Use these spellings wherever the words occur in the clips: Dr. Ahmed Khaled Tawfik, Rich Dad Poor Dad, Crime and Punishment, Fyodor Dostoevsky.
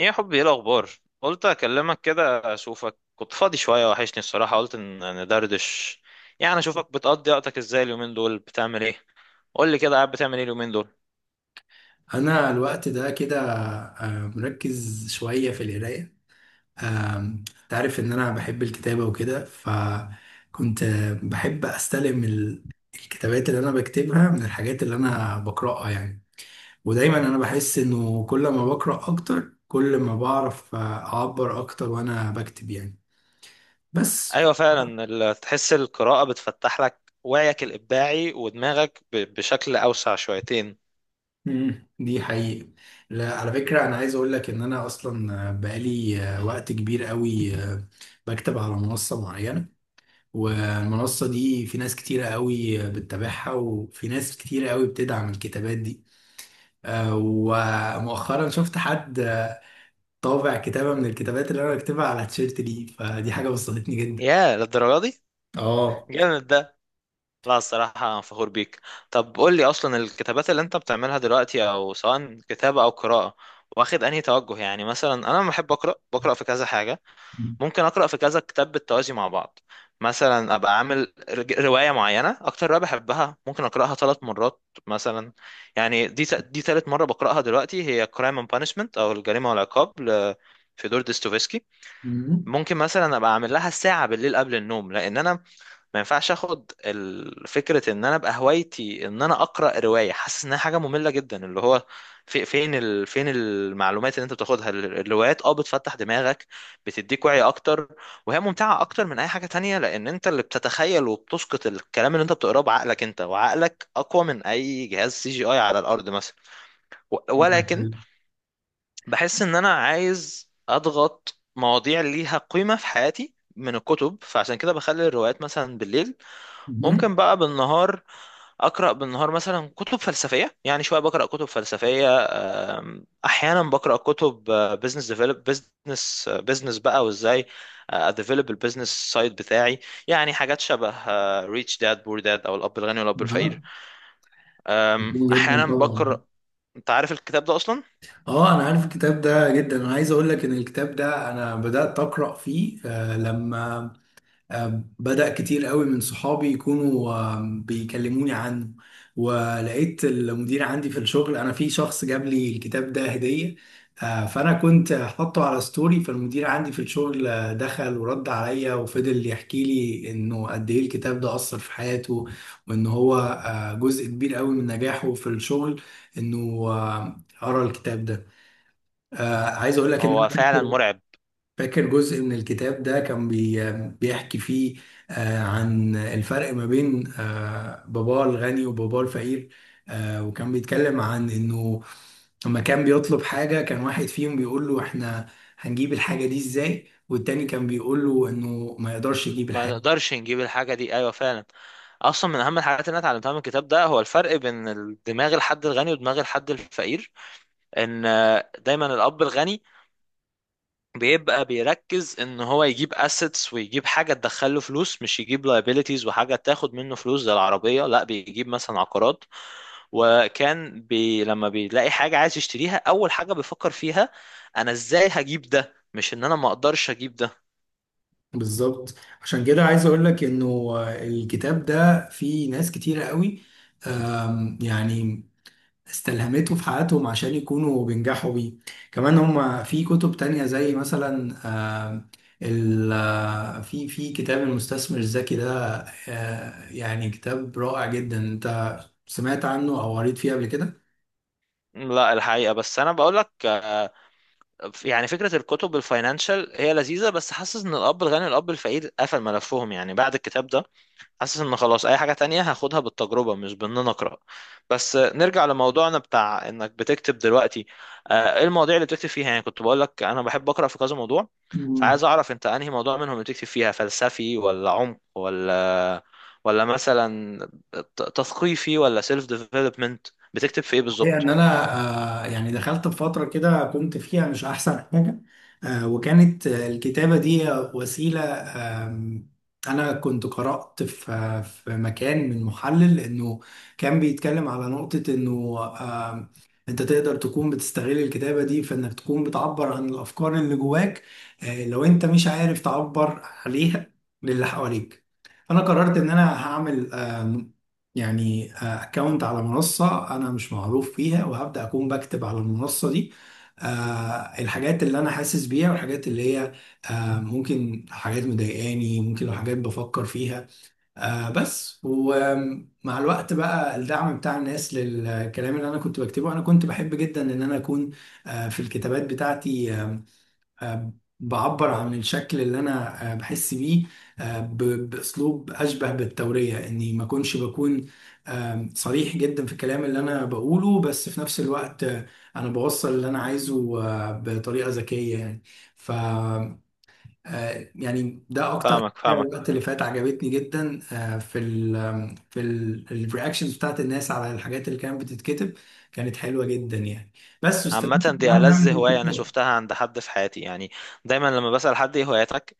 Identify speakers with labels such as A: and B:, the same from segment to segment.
A: ايه يا حبي، ايه الاخبار؟ قلت اكلمك كده اشوفك، كنت فاضي شويه، وحشني الصراحه، قلت ان ندردش. يعني اشوفك بتقضي وقتك ازاي اليومين دول، بتعمل ايه؟ قول لي كده، قاعد بتعمل ايه اليومين دول؟
B: انا الوقت ده كده، مركز شويه في القرايه. آم، تعرف ان انا بحب الكتابه وكده، فكنت بحب استلم الكتابات اللي انا بكتبها من الحاجات اللي انا بقراها يعني. ودايما انا بحس انه كل ما بقرا اكتر كل ما بعرف اعبر اكتر وانا بكتب يعني. بس.
A: ايوه فعلا، تحس القراءه بتفتح لك وعيك الابداعي ودماغك بشكل اوسع شويتين.
B: مم، دي حقيقة. لا، على فكرة أنا عايز أقول لك إن أنا أصلا بقالي وقت كبير قوي بكتب على منصة معينة. والمنصة دي في ناس كتيرة قوي بتتابعها، وفي ناس كتيرة قوي بتدعم الكتابات دي. ومؤخرا شفت حد طابع كتابة من الكتابات اللي أنا بكتبها على تيشيرت لي، فدي حاجة بسطتني جدا.
A: يا للدرجه دي!
B: اه.
A: جامد ده. لا الصراحه أنا فخور بيك. طب قول لي اصلا، الكتابات اللي انت بتعملها دلوقتي، او سواء كتابه او قراءه، واخد انهي توجه؟ يعني مثلا انا لما بحب اقرا بقرا في كذا حاجه، ممكن اقرا في كذا كتاب بالتوازي مع بعض. مثلا ابقى عامل روايه معينه، اكتر روايه بحبها ممكن اقراها ثلاث مرات مثلا. يعني دي ثالث مره بقراها دلوقتي، هي كرايم اند بانشمنت او الجريمه والعقاب فيودور ديستوفسكي.
B: مم.
A: ممكن مثلا ابقى اعمل لها ساعه بالليل قبل النوم، لان انا ما ينفعش اخد فكره ان انا ابقى هوايتي ان انا اقرا روايه حاسس انها حاجه ممله جدا، اللي هو في فين فين المعلومات اللي انت بتاخدها، الروايات بتفتح دماغك، بتديك وعي اكتر. وهي ممتعه اكتر من اي حاجه تانية، لان انت اللي بتتخيل وبتسقط الكلام اللي انت بتقراه بعقلك انت، وعقلك اقوى من اي جهاز سي جي اي على الارض مثلا. ولكن بحس ان انا عايز اضغط مواضيع ليها قيمه في حياتي من الكتب، فعشان كده بخلي الروايات مثلا بالليل.
B: مم.
A: ممكن بقى بالنهار، اقرا بالنهار مثلا كتب فلسفيه، يعني شويه بقرا كتب فلسفيه. احيانا بقرا كتب بزنس، ديفلوب بزنس بقى، وازاي اديفلوب البزنس سايد بتاعي. يعني حاجات شبه ريتش داد بور داد، او الاب الغني والاب الفقير.
B: اه، جدا
A: احيانا
B: طبعا.
A: بقرا. انت عارف الكتاب ده اصلا؟
B: اه، انا عارف الكتاب ده جدا. انا عايز اقول لك ان الكتاب ده انا بدات اقرا فيه، لما بدأ كتير قوي من صحابي يكونوا بيكلموني عنه. ولقيت المدير عندي في الشغل، انا في شخص جاب لي الكتاب ده هدية. فانا كنت حاطه على ستوري، فالمدير عندي في الشغل دخل ورد عليا وفضل يحكي لي انه قد ايه الكتاب ده اثر في حياته، وان هو جزء كبير قوي من نجاحه في الشغل انه قرا الكتاب ده. عايز اقول لك ان انا
A: هو فعلا
B: فاكر،
A: مرعب.
B: فاكر جزء من الكتاب ده كان بي بيحكي فيه عن الفرق ما بين باباه الغني وباباه الفقير. وكان بيتكلم عن انه لما كان بيطلب حاجة، كان واحد فيهم بيقول له احنا هنجيب الحاجة دي ازاي، والتاني كان بيقول له انه ما يقدرش يجيب
A: ما
B: الحاجة.
A: نقدرش نجيب الحاجه دي، ايوه فعلا. اصلا من اهم الحاجات اللي انا اتعلمتها من الكتاب ده، هو الفرق بين دماغ الحد الغني ودماغ الحد الفقير. ان دايما الاب الغني بيبقى بيركز ان هو يجيب اسيتس ويجيب حاجه تدخله فلوس، مش يجيب liabilities وحاجه تاخد منه فلوس زي العربيه، لا بيجيب مثلا عقارات. وكان لما بيلاقي حاجه عايز يشتريها، اول حاجه بيفكر فيها انا ازاي هجيب ده، مش ان انا ما اقدرش اجيب ده.
B: بالظبط. عشان كده عايز اقول لك انه الكتاب ده فيه ناس كتيرة قوي يعني استلهمته في حياتهم عشان يكونوا بينجحوا بيه. كمان هم في كتب تانية زي مثلا آه، ال آه، في كتاب المستثمر الذكي ده، يعني كتاب رائع جدا. انت سمعت عنه او قريت فيه قبل
A: لا الحقيقه، بس انا بقول لك يعني فكره الكتب الفاينانشال هي لذيذه، بس حاسس ان الاب الغني والاب الفقير قفل ملفهم يعني بعد الكتاب ده. حاسس ان خلاص، اي حاجة تانية هاخدها بالتجربة مش بان انا اقرا. بس نرجع لموضوعنا بتاع انك بتكتب دلوقتي. ايه المواضيع اللي بتكتب فيها؟ يعني كنت بقول لك انا بحب اقرا في كذا موضوع.
B: كده؟
A: فعايز اعرف انت انهي موضوع منهم اللي بتكتب فيها، فلسفي ولا عمق ولا مثلا تثقيفي ولا سيلف ديفلوبمنت. بتكتب في ايه
B: هي ان
A: بالظبط؟
B: انا، يعني دخلت في فتره كده كنت فيها مش احسن حاجه، وكانت الكتابه دي وسيله. انا كنت قرات في مكان من محلل انه كان بيتكلم على نقطه انه آم، انت تقدر تكون بتستغل الكتابه دي في انك تكون بتعبر عن الافكار اللي جواك، لو انت مش عارف تعبر عليها للي حواليك. فانا قررت ان انا هعمل، يعني اكونت على منصة انا مش معروف فيها، وهبدأ اكون بكتب على المنصة دي آه، الحاجات اللي انا حاسس بيها، والحاجات اللي هي ممكن حاجات مضايقاني، ممكن لو حاجات بفكر فيها. بس ومع الوقت بقى الدعم بتاع الناس للكلام اللي انا كنت بكتبه، انا كنت بحب جدا ان انا اكون في الكتابات بتاعتي آه، بعبر عن الشكل اللي انا بحس بيه باسلوب اشبه بالتوريه، اني ما اكونش بكون صريح جدا في الكلام اللي انا بقوله، بس في نفس الوقت انا بوصل اللي انا عايزه بطريقه ذكيه يعني. ف يعني ده اكتر
A: فاهمك،
B: حاجه،
A: فاهمك.
B: الوقت اللي فات عجبتني جدا. في ال آم، في الرياكشنز بتاعت الناس على الحاجات اللي كانت بتتكتب، كانت حلوه جدا يعني. بس واستفدت
A: عامة، دي
B: كمان ده
A: ألذ
B: من
A: هواية أنا
B: الكتاب.
A: شفتها عند حد في حياتي يعني. دايما لما بسأل حد إيه هواياتك،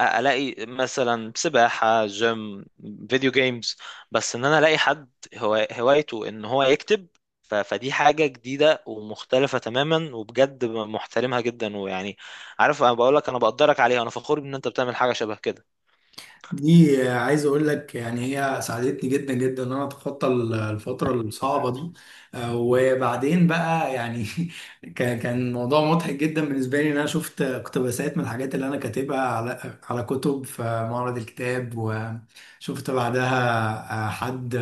A: ألاقي مثلا سباحة، جيم، فيديو جيمز. بس إن أنا ألاقي حد هوايته إن هو يكتب، فدي حاجة جديدة ومختلفة تماما، وبجد محترمها جدا ويعني، عارف، أنا بقولك أنا بقدرك عليها، أنا فخور بإن أنت بتعمل حاجة شبه كده.
B: دي عايز اقول لك يعني هي ساعدتني جدا جدا ان انا اتخطى الفتره الصعبه دي. وبعدين بقى يعني كان موضوع مضحك جدا بالنسبه لي، ان انا شفت اقتباسات من الحاجات اللي انا كاتبها على كتب في معرض الكتاب. وشفت بعدها حد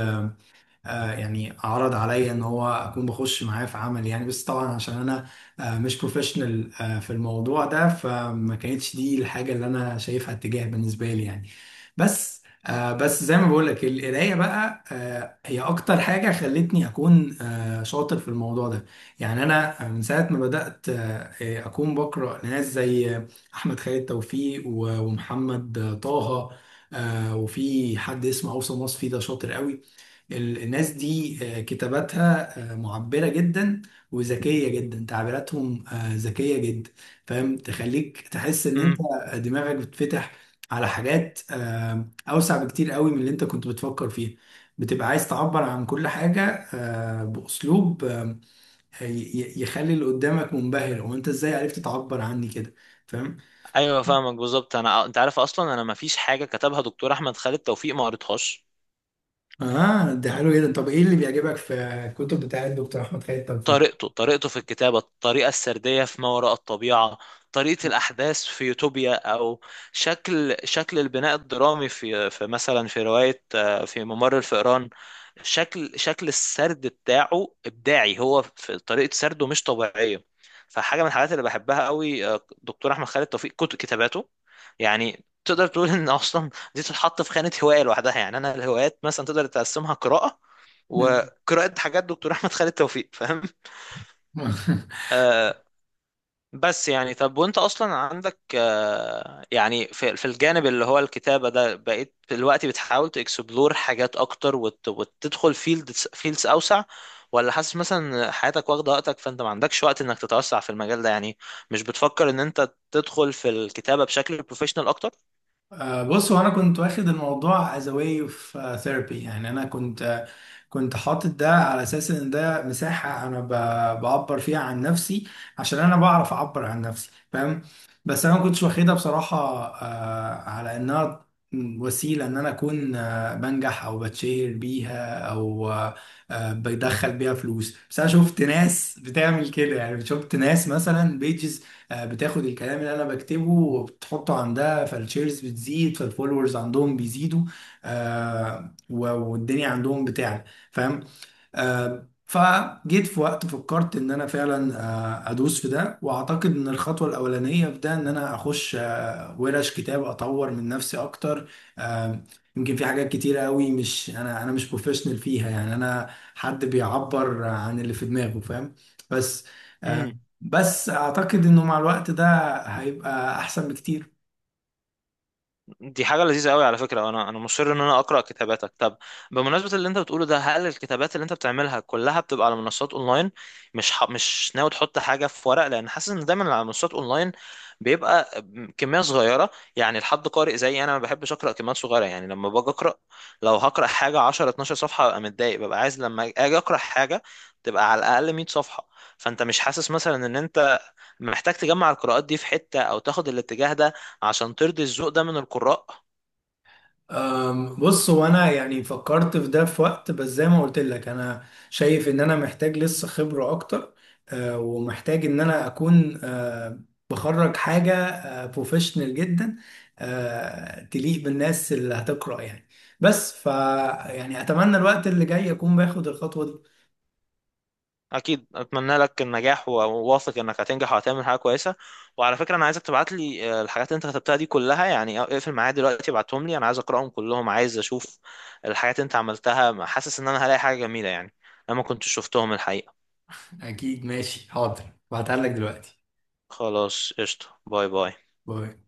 B: يعني عرض عليا ان هو اكون بخش معاه في عمل يعني، بس طبعا عشان انا مش بروفيشنال في الموضوع ده، فما كانتش دي الحاجه اللي انا شايفها اتجاه بالنسبه لي يعني. بس زي ما بقول لك، القرايه بقى هي اكتر حاجه خلتني اكون شاطر في الموضوع ده. يعني انا، من ساعه ما بدات اكون بقرا ناس زي احمد خالد توفيق ومحمد طه، وفي حد اسمه اوسم وصفي، ده شاطر قوي. الناس دي كتاباتها معبرة جدا، وذكية جدا. تعبيراتهم ذكية جدا، فاهم؟ تخليك تحس ان انت
A: امم.
B: دماغك بتفتح على حاجات اوسع بكتير قوي من اللي انت كنت بتفكر فيها. بتبقى عايز تعبر عن كل حاجة بأسلوب يخلي اللي قدامك منبهر، هو انت ازاي عرفت تعبر عني كده؟ فاهم؟
A: ايوه فاهمك بالظبط، انا انت عارف، اصلا انا ما فيش حاجه كتبها دكتور احمد خالد توفيق ما قريتهاش.
B: اه، ده حلو جدا. طب ايه اللي بيعجبك في الكتب بتاعت الدكتور احمد خالد توفيق؟
A: طريقته طريقته في الكتابة، الطريقة السردية في ما وراء الطبيعة، طريقة الأحداث في يوتوبيا، أو شكل شكل البناء الدرامي في مثلا في رواية في ممر الفئران. شكل شكل السرد بتاعه إبداعي، هو في طريقة سرده مش طبيعية. فحاجة من الحاجات اللي بحبها قوي، دكتور أحمد خالد توفيق كتب كتاباته. يعني تقدر تقول إن أصلا دي تتحط في خانة هواية لوحدها، يعني أنا الهوايات مثلا تقدر تقسمها قراءة،
B: مم.
A: وقراءة حاجات دكتور أحمد خالد توفيق، فاهم؟ آه بس يعني طب، وانت اصلا عندك يعني في الجانب اللي هو الكتابة ده، بقيت دلوقتي بتحاول تكسبلور حاجات اكتر، وتدخل فيلدز اوسع؟ ولا حاسس مثلا إن حياتك واخدة وقتك، فانت ما عندكش وقت انك تتوسع في المجال ده يعني؟ مش بتفكر ان انت تدخل في الكتابة بشكل بروفيشنال اكتر؟
B: بص، هو انا كنت واخد الموضوع as a way of therapy يعني. انا كنت، كنت حاطط ده على اساس ان ده مساحة انا بعبر فيها عن نفسي، عشان انا بعرف اعبر عن نفسي، فاهم؟ بس انا ما كنتش واخدها بصراحة على انها وسيلة ان انا اكون، بنجح او بتشهر بيها، او بدخل بيها فلوس. بس انا شفت ناس بتعمل كده، يعني شفت ناس مثلا بيجز بتاخد الكلام اللي انا بكتبه وبتحطه عندها، فالشيرز بتزيد، فالفولورز عندهم بيزيدوا، والدنيا عندهم بتعلى، فاهم؟ فجيت في وقت فكرت ان انا فعلا ادوس في ده، واعتقد ان الخطوه الاولانيه في ده ان انا اخش ورش كتاب اطور من نفسي اكتر. آه، يمكن في حاجات كتيره قوي مش انا، انا مش بروفيشنال فيها، يعني انا حد بيعبر عن اللي في دماغه، فاهم؟ بس آه، بس اعتقد انه مع الوقت ده هيبقى احسن بكتير.
A: دي حاجة لذيذة قوي، على فكرة انا مصر ان انا اقرأ كتاباتك. طب بمناسبة اللي انت بتقوله ده، هل الكتابات اللي انت بتعملها كلها بتبقى على منصات اونلاين؟ مش ناوي تحط حاجة في ورق، لان حاسس ان دايما على منصات اونلاين بيبقى كمية صغيرة، يعني لحد قارئ زي انا ما بحبش اقرأ كميات صغيرة، يعني لما باجي اقرأ، لو هقرأ حاجة 10 12 صفحة ببقى متضايق، ببقى عايز لما اجي اقرأ حاجة تبقى على الاقل 100 صفحة. فانت مش حاسس مثلا ان انت محتاج تجمع القراءات دي في حتة او تاخد الاتجاه ده عشان ترضي الذوق ده من القراء؟
B: بص، هو انا يعني فكرت في ده في وقت، بس زي ما قلت لك انا شايف ان انا محتاج لسه خبرة اكتر. ومحتاج ان انا اكون بخرج حاجة بروفيشنال جدا تليق بالناس اللي هتقرأ يعني. بس ف، يعني اتمنى الوقت اللي جاي اكون باخد الخطوة دي.
A: اكيد، اتمنى لك النجاح، وواثق انك هتنجح وهتعمل حاجة كويسة. وعلى فكرة انا عايزك تبعت لي الحاجات اللي انت كتبتها دي كلها، يعني اقفل معايا دلوقتي ابعتهم لي، انا عايز اقراهم كلهم، عايز اشوف الحاجات اللي انت عملتها، حاسس ان انا هلاقي حاجة جميلة يعني. انا ما كنتش شفتهم الحقيقة.
B: اكيد، ماشي، حاضر. بعتها لك دلوقتي.
A: خلاص قشطة، باي باي.
B: باي.